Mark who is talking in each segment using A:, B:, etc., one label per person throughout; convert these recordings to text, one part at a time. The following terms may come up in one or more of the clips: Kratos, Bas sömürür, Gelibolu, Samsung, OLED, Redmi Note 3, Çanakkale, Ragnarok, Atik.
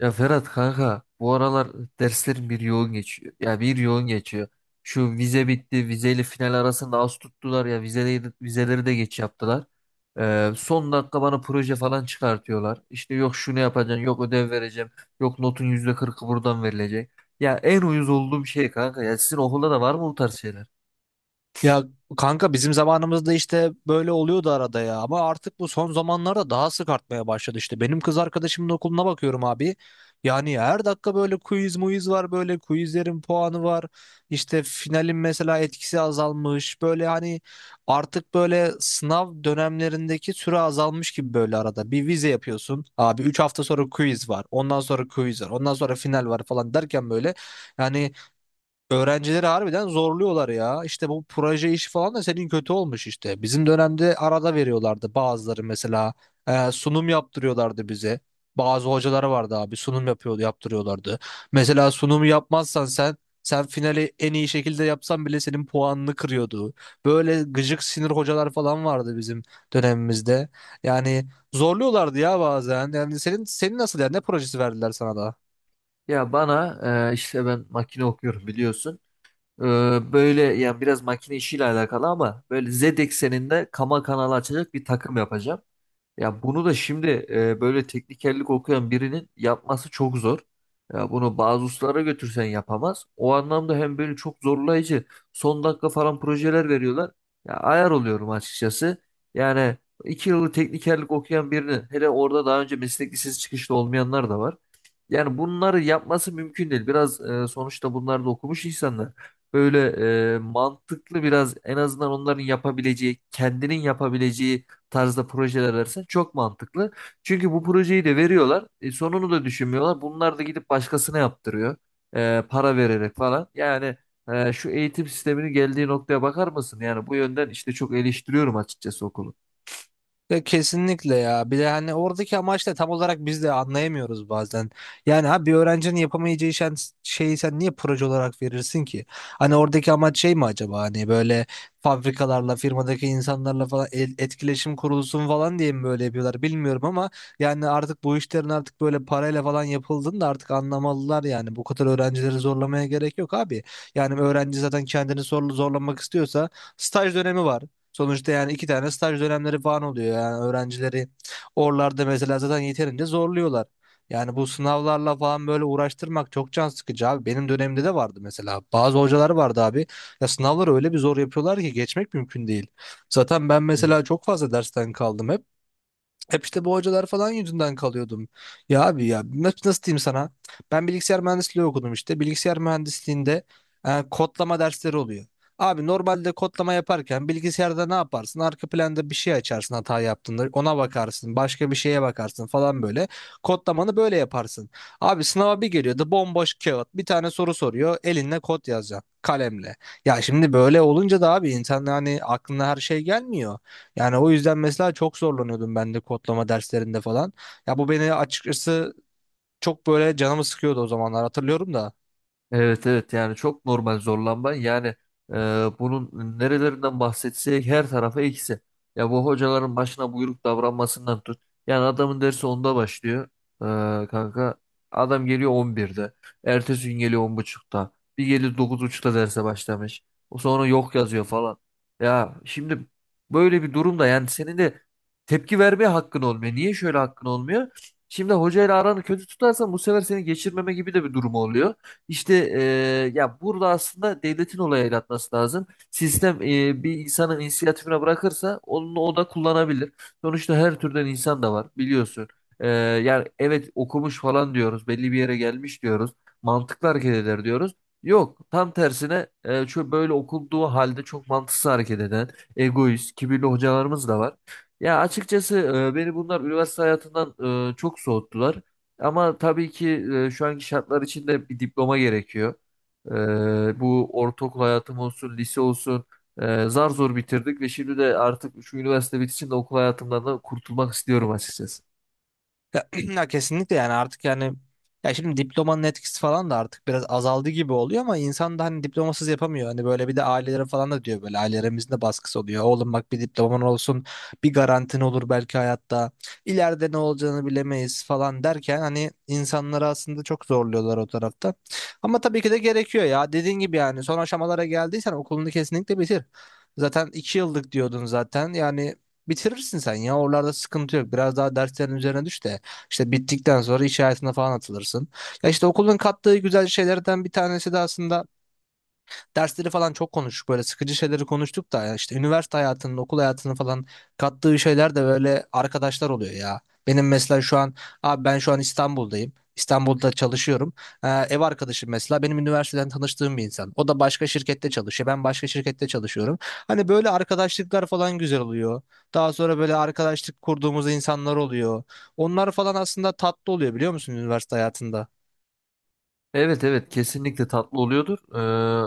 A: Ya Ferhat kanka bu aralar derslerim bir yoğun geçiyor. Ya bir yoğun geçiyor. Şu vize bitti. Vizeyle final arasında az tuttular ya. Vizeleri de geç yaptılar. Son dakika bana proje falan çıkartıyorlar. İşte yok şunu yapacaksın, yok ödev vereceğim, yok notun %40'ı buradan verilecek. Ya en uyuz olduğum şey kanka. Ya sizin okulda da var mı bu tarz şeyler?
B: Ya kanka bizim zamanımızda işte böyle oluyordu arada ya, ama artık bu son zamanlarda daha sık artmaya başladı işte. Benim kız arkadaşımın okuluna bakıyorum abi. Yani her dakika böyle quiz muiz var, böyle quizlerin puanı var. İşte finalin mesela etkisi azalmış. Böyle hani artık böyle sınav dönemlerindeki süre azalmış gibi böyle arada. Bir vize yapıyorsun abi, 3 hafta sonra quiz var. Ondan sonra quiz var. Ondan sonra final var falan derken böyle yani öğrencileri harbiden zorluyorlar ya. İşte bu proje işi falan da senin kötü olmuş işte. Bizim dönemde arada veriyorlardı bazıları mesela. Sunum yaptırıyorlardı bize. Bazı hocaları vardı abi, sunum yapıyordu, yaptırıyorlardı. Mesela sunumu yapmazsan sen finali en iyi şekilde yapsan bile senin puanını kırıyordu. Böyle gıcık sinir hocalar falan vardı bizim dönemimizde. Yani zorluyorlardı ya bazen. Yani senin nasıl yani, ne projesi verdiler sana da?
A: Ya bana işte ben makine okuyorum biliyorsun. Ee, Böyle yani biraz makine işiyle alakalı ama böyle Z ekseninde kama kanalı açacak bir takım yapacağım. Ya bunu da şimdi böyle teknikerlik okuyan birinin yapması çok zor. Ya bunu bazı ustalara götürsen yapamaz. O anlamda hem böyle çok zorlayıcı son dakika falan projeler veriyorlar. Ya ayar oluyorum açıkçası. Yani iki yıllık teknikerlik okuyan birinin hele orada daha önce meslek lisesi çıkışlı olmayanlar da var. Yani bunları yapması mümkün değil. Biraz sonuçta bunlar da okumuş insanlar. Böyle mantıklı biraz en azından onların yapabileceği, kendinin yapabileceği tarzda projeler versen çok mantıklı. Çünkü bu projeyi de veriyorlar. Sonunu da düşünmüyorlar. Bunlar da gidip başkasına yaptırıyor. Para vererek falan. Yani şu eğitim sisteminin geldiği noktaya bakar mısın? Yani bu yönden işte çok eleştiriyorum açıkçası okulu.
B: Ya kesinlikle ya. Bir de hani oradaki amaç da tam olarak biz de anlayamıyoruz bazen. Yani ha, bir öğrencinin yapamayacağı şeyi sen niye proje olarak verirsin ki? Hani oradaki amaç şey mi acaba? Hani böyle fabrikalarla, firmadaki insanlarla falan etkileşim kurulsun falan diye mi böyle yapıyorlar bilmiyorum, ama yani artık bu işlerin artık böyle parayla falan yapıldığını da artık anlamalılar yani. Bu kadar öğrencileri zorlamaya gerek yok abi. Yani öğrenci zaten kendini zorlamak istiyorsa staj dönemi var. Sonuçta yani iki tane staj dönemleri falan oluyor, yani öğrencileri oralarda mesela zaten yeterince zorluyorlar. Yani bu sınavlarla falan böyle uğraştırmak çok can sıkıcı abi. Benim dönemimde de vardı mesela. Bazı hocalar vardı abi. Ya sınavları öyle bir zor yapıyorlar ki geçmek mümkün değil. Zaten ben mesela çok fazla dersten kaldım hep. Hep işte bu hocalar falan yüzünden kalıyordum. Ya abi ya, nasıl diyeyim sana? Ben bilgisayar mühendisliği okudum işte. Bilgisayar mühendisliğinde kodlama dersleri oluyor. Abi normalde kodlama yaparken bilgisayarda ne yaparsın? Arka planda bir şey açarsın hata yaptığında. Ona bakarsın. Başka bir şeye bakarsın falan böyle. Kodlamanı böyle yaparsın. Abi sınava bir geliyordu bomboş kağıt. Bir tane soru soruyor. Elinle kod yazacaksın. Kalemle. Ya şimdi böyle olunca da abi, insan hani aklına her şey gelmiyor. Yani o yüzden mesela çok zorlanıyordum ben de kodlama derslerinde falan. Ya bu beni açıkçası çok böyle canımı sıkıyordu o zamanlar, hatırlıyorum da.
A: Evet, evet, yani çok normal zorlanma yani e, bunun nerelerinden bahsetsek her tarafa eksi. Ya bu hocaların başına buyruk davranmasından tut. Yani adamın dersi 10'da başlıyor kanka. Adam geliyor 11'de. Ertesi gün geliyor 10.30'da. Bir geliyor 9.30'da derse başlamış. O sonra yok yazıyor falan. Ya şimdi böyle bir durumda yani senin de tepki vermeye hakkın olmuyor. Niye şöyle hakkın olmuyor? Şimdi hocayla aranı kötü tutarsan bu sefer seni geçirmeme gibi de bir durum oluyor. İşte ya burada aslında devletin olaya el atması lazım. Sistem bir insanın inisiyatifine bırakırsa onu o da kullanabilir. Sonuçta her türden insan da var biliyorsun. Yani evet okumuş falan diyoruz, belli bir yere gelmiş diyoruz, mantıklı hareket eder diyoruz. Yok, tam tersine şu böyle okunduğu halde çok mantıksız hareket eden, egoist, kibirli hocalarımız da var. Ya açıkçası beni bunlar üniversite hayatından çok soğuttular. Ama tabii ki şu anki şartlar içinde bir diploma gerekiyor. Bu ortaokul hayatım olsun, lise olsun zar zor bitirdik ve şimdi de artık şu üniversite bitişinde okul hayatımdan da kurtulmak istiyorum açıkçası.
B: Ya, ya kesinlikle yani artık yani, ya şimdi diplomanın etkisi falan da artık biraz azaldı gibi oluyor, ama insan da hani diplomasız yapamıyor. Hani böyle bir de ailelere falan da diyor, böyle ailelerimizin de baskısı oluyor. Oğlum bak, bir diploman olsun, bir garantin olur belki hayatta, ileride ne olacağını bilemeyiz falan derken hani insanları aslında çok zorluyorlar o tarafta. Ama tabii ki de gerekiyor ya, dediğin gibi yani son aşamalara geldiysen okulunu kesinlikle bitir. Zaten iki yıllık diyordun zaten, yani bitirirsin sen ya, oralarda sıkıntı yok, biraz daha derslerin üzerine düş de. İşte bittikten sonra iş hayatına falan atılırsın. Ya işte okulun kattığı güzel şeylerden bir tanesi de aslında, dersleri falan çok konuştuk, böyle sıkıcı şeyleri konuştuk da, ya işte üniversite hayatının, okul hayatının falan kattığı şeyler de böyle arkadaşlar oluyor ya. Benim mesela şu an abi, ben şu an İstanbul'dayım. İstanbul'da çalışıyorum. Ev arkadaşım mesela benim üniversiteden tanıştığım bir insan. O da başka şirkette çalışıyor. Ben başka şirkette çalışıyorum. Hani böyle arkadaşlıklar falan güzel oluyor. Daha sonra böyle arkadaşlık kurduğumuz insanlar oluyor. Onlar falan aslında tatlı oluyor, biliyor musun, üniversite hayatında?
A: Evet, evet, kesinlikle tatlı oluyordur.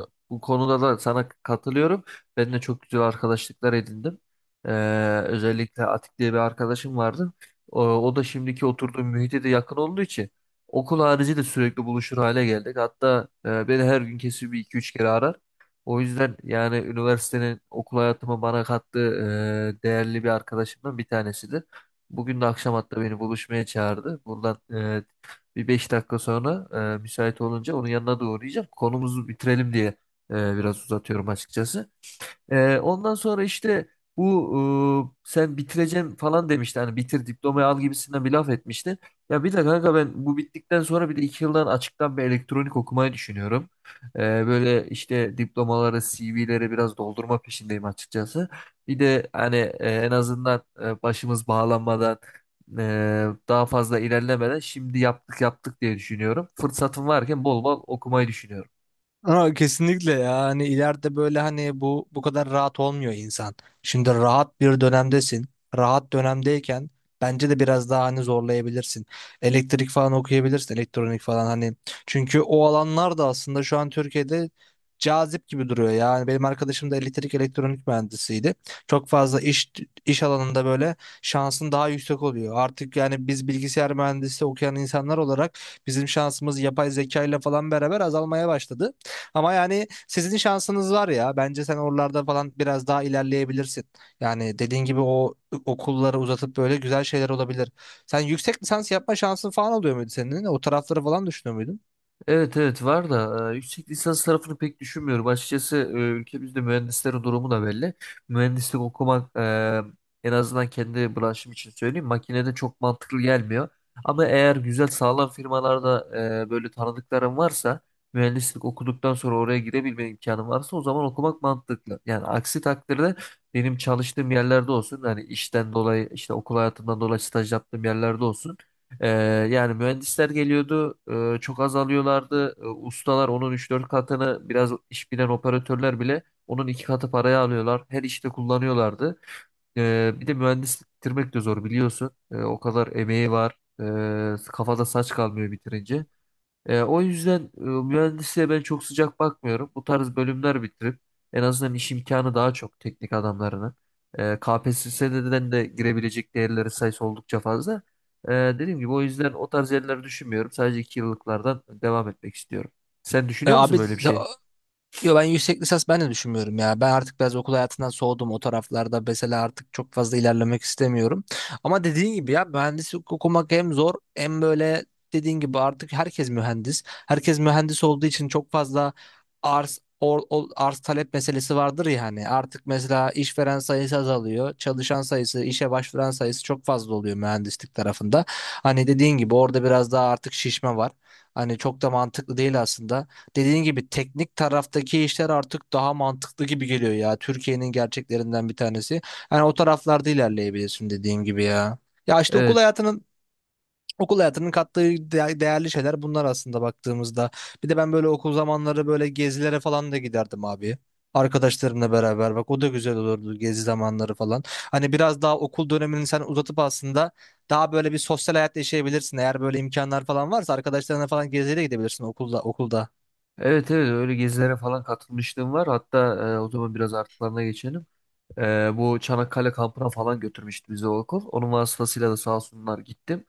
A: Bu konuda da sana katılıyorum. Ben de çok güzel arkadaşlıklar edindim. Ee, Özellikle Atik diye bir arkadaşım vardı. O da şimdiki oturduğum mühite de yakın olduğu için okul harici de sürekli buluşur hale geldik. Hatta beni her gün kesin bir iki üç kere arar. O yüzden yani üniversitenin okul hayatıma bana kattığı değerli bir arkadaşımdan bir tanesidir. Bugün de akşam hatta beni buluşmaya çağırdı. Buradan bir 5 dakika sonra müsait olunca onun yanına da uğrayacağım. Konumuzu bitirelim diye biraz uzatıyorum açıkçası. Ondan sonra işte bu sen bitireceğim falan demişti. Hani bitir diplomayı al gibisinden bir laf etmişti. Ya bir de kanka ben bu bittikten sonra bir de 2 yıldan açıktan bir elektronik okumayı düşünüyorum. Ee, Böyle işte diplomaları, CV'leri biraz doldurma peşindeyim açıkçası. Bir de hani en azından başımız bağlanmadan daha fazla ilerlemeden şimdi yaptık yaptık diye düşünüyorum. Fırsatım varken bol bol okumayı düşünüyorum.
B: Ama kesinlikle ya, hani ileride böyle hani bu kadar rahat olmuyor insan. Şimdi rahat bir dönemdesin. Rahat dönemdeyken bence de biraz daha hani zorlayabilirsin. Elektrik falan okuyabilirsin, elektronik falan hani. Çünkü o alanlar da aslında şu an Türkiye'de cazip gibi duruyor. Yani benim arkadaşım da elektrik elektronik mühendisiydi. Çok fazla iş alanında böyle şansın daha yüksek oluyor. Artık yani biz bilgisayar mühendisi okuyan insanlar olarak bizim şansımız yapay zeka ile falan beraber azalmaya başladı. Ama yani sizin şansınız var ya. Bence sen oralarda falan biraz daha ilerleyebilirsin. Yani dediğin gibi o okulları uzatıp böyle güzel şeyler olabilir. Sen yüksek lisans yapma şansın falan oluyor muydu senin? O tarafları falan düşünüyor muydun?
A: Evet, evet, var da yüksek lisans tarafını pek düşünmüyorum. Açıkçası ülkemizde mühendislerin durumu da belli. Mühendislik okumak en azından kendi branşım için söyleyeyim makinede çok mantıklı gelmiyor. Ama eğer güzel sağlam firmalarda böyle tanıdıkların varsa mühendislik okuduktan sonra oraya girebilme imkanın varsa o zaman okumak mantıklı. Yani aksi takdirde benim çalıştığım yerlerde olsun hani işten dolayı işte okul hayatımdan dolayı staj yaptığım yerlerde olsun. Ee, Yani mühendisler geliyordu, çok az alıyorlardı. Ustalar onun üç dört katını, biraz iş bilen operatörler bile onun 2 katı paraya alıyorlar. Her işte kullanıyorlardı. Bir de mühendislik bitirmek de zor biliyorsun. O kadar emeği var. Kafada saç kalmıyor bitirince. O yüzden mühendisliğe ben çok sıcak bakmıyorum. Bu tarz bölümler bitirip en azından iş imkanı daha çok teknik adamlarına. KPSS'den de girebilecek değerleri sayısı oldukça fazla. Dediğim gibi o yüzden o tarz yerleri düşünmüyorum. Sadece 2 yıllıklardan devam etmek istiyorum. Sen
B: E
A: düşünüyor musun
B: abi,
A: böyle bir şey?
B: yo ben yüksek lisans ben de düşünmüyorum ya. Ben artık biraz okul hayatından soğudum o taraflarda. Mesela artık çok fazla ilerlemek istemiyorum. Ama dediğin gibi ya, mühendislik okumak hem zor hem böyle, dediğin gibi artık herkes mühendis. Herkes mühendis olduğu için çok fazla arz talep meselesi vardır ya hani. Artık mesela işveren sayısı azalıyor. Çalışan sayısı, işe başvuran sayısı çok fazla oluyor mühendislik tarafında. Hani dediğin gibi orada biraz daha artık şişme var. Hani çok da mantıklı değil aslında, dediğin gibi teknik taraftaki işler artık daha mantıklı gibi geliyor ya. Türkiye'nin gerçeklerinden bir tanesi. Yani o taraflarda ilerleyebilirsin dediğin gibi ya. Ya işte
A: Evet.
B: okul hayatının kattığı değerli şeyler bunlar aslında baktığımızda. Bir de ben böyle okul zamanları böyle gezilere falan da giderdim abi. Arkadaşlarımla beraber bak, o da güzel olurdu, gezi zamanları falan. Hani biraz daha okul dönemini sen uzatıp aslında daha böyle bir sosyal hayat yaşayabilirsin. Eğer böyle imkanlar falan varsa arkadaşlarına falan geziye de gidebilirsin okulda.
A: Evet, evet, öyle gezilere falan katılmışlığım var. Hatta o zaman biraz artılarına geçelim. Bu Çanakkale kampına falan götürmüştü bizi o okul. Onun vasıtasıyla da sağ olsunlar gittim.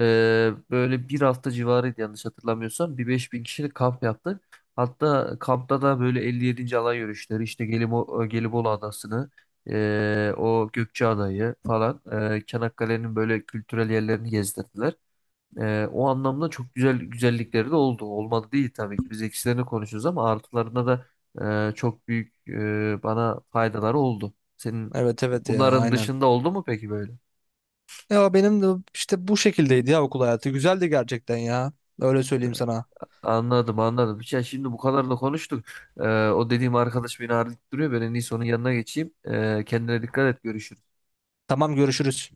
A: Böyle bir hafta civarıydı yanlış hatırlamıyorsam. Bir 5.000 kişilik kamp yaptık. Hatta kampta da böyle 57. alay yürüyüşleri işte Gelibolu Adası'nı o Gökçeada'yı falan Çanakkale'nin böyle kültürel yerlerini gezdirdiler. O anlamda çok güzel güzellikleri de oldu. Olmadı değil tabii ki. Biz eksilerini konuşuyoruz ama artılarına da çok büyük bana faydaları oldu. Senin
B: Evet evet ya,
A: bunların
B: aynen.
A: dışında oldu mu peki böyle?
B: Ya benim de işte bu şekildeydi ya okul hayatı. Güzeldi gerçekten ya. Öyle söyleyeyim sana.
A: Anladım anladım. Ya şimdi bu kadar da konuştuk. O dediğim arkadaş beni arayıp duruyor. Ben en iyisi onun yanına geçeyim. Kendine dikkat et. Görüşürüz.
B: Tamam, görüşürüz.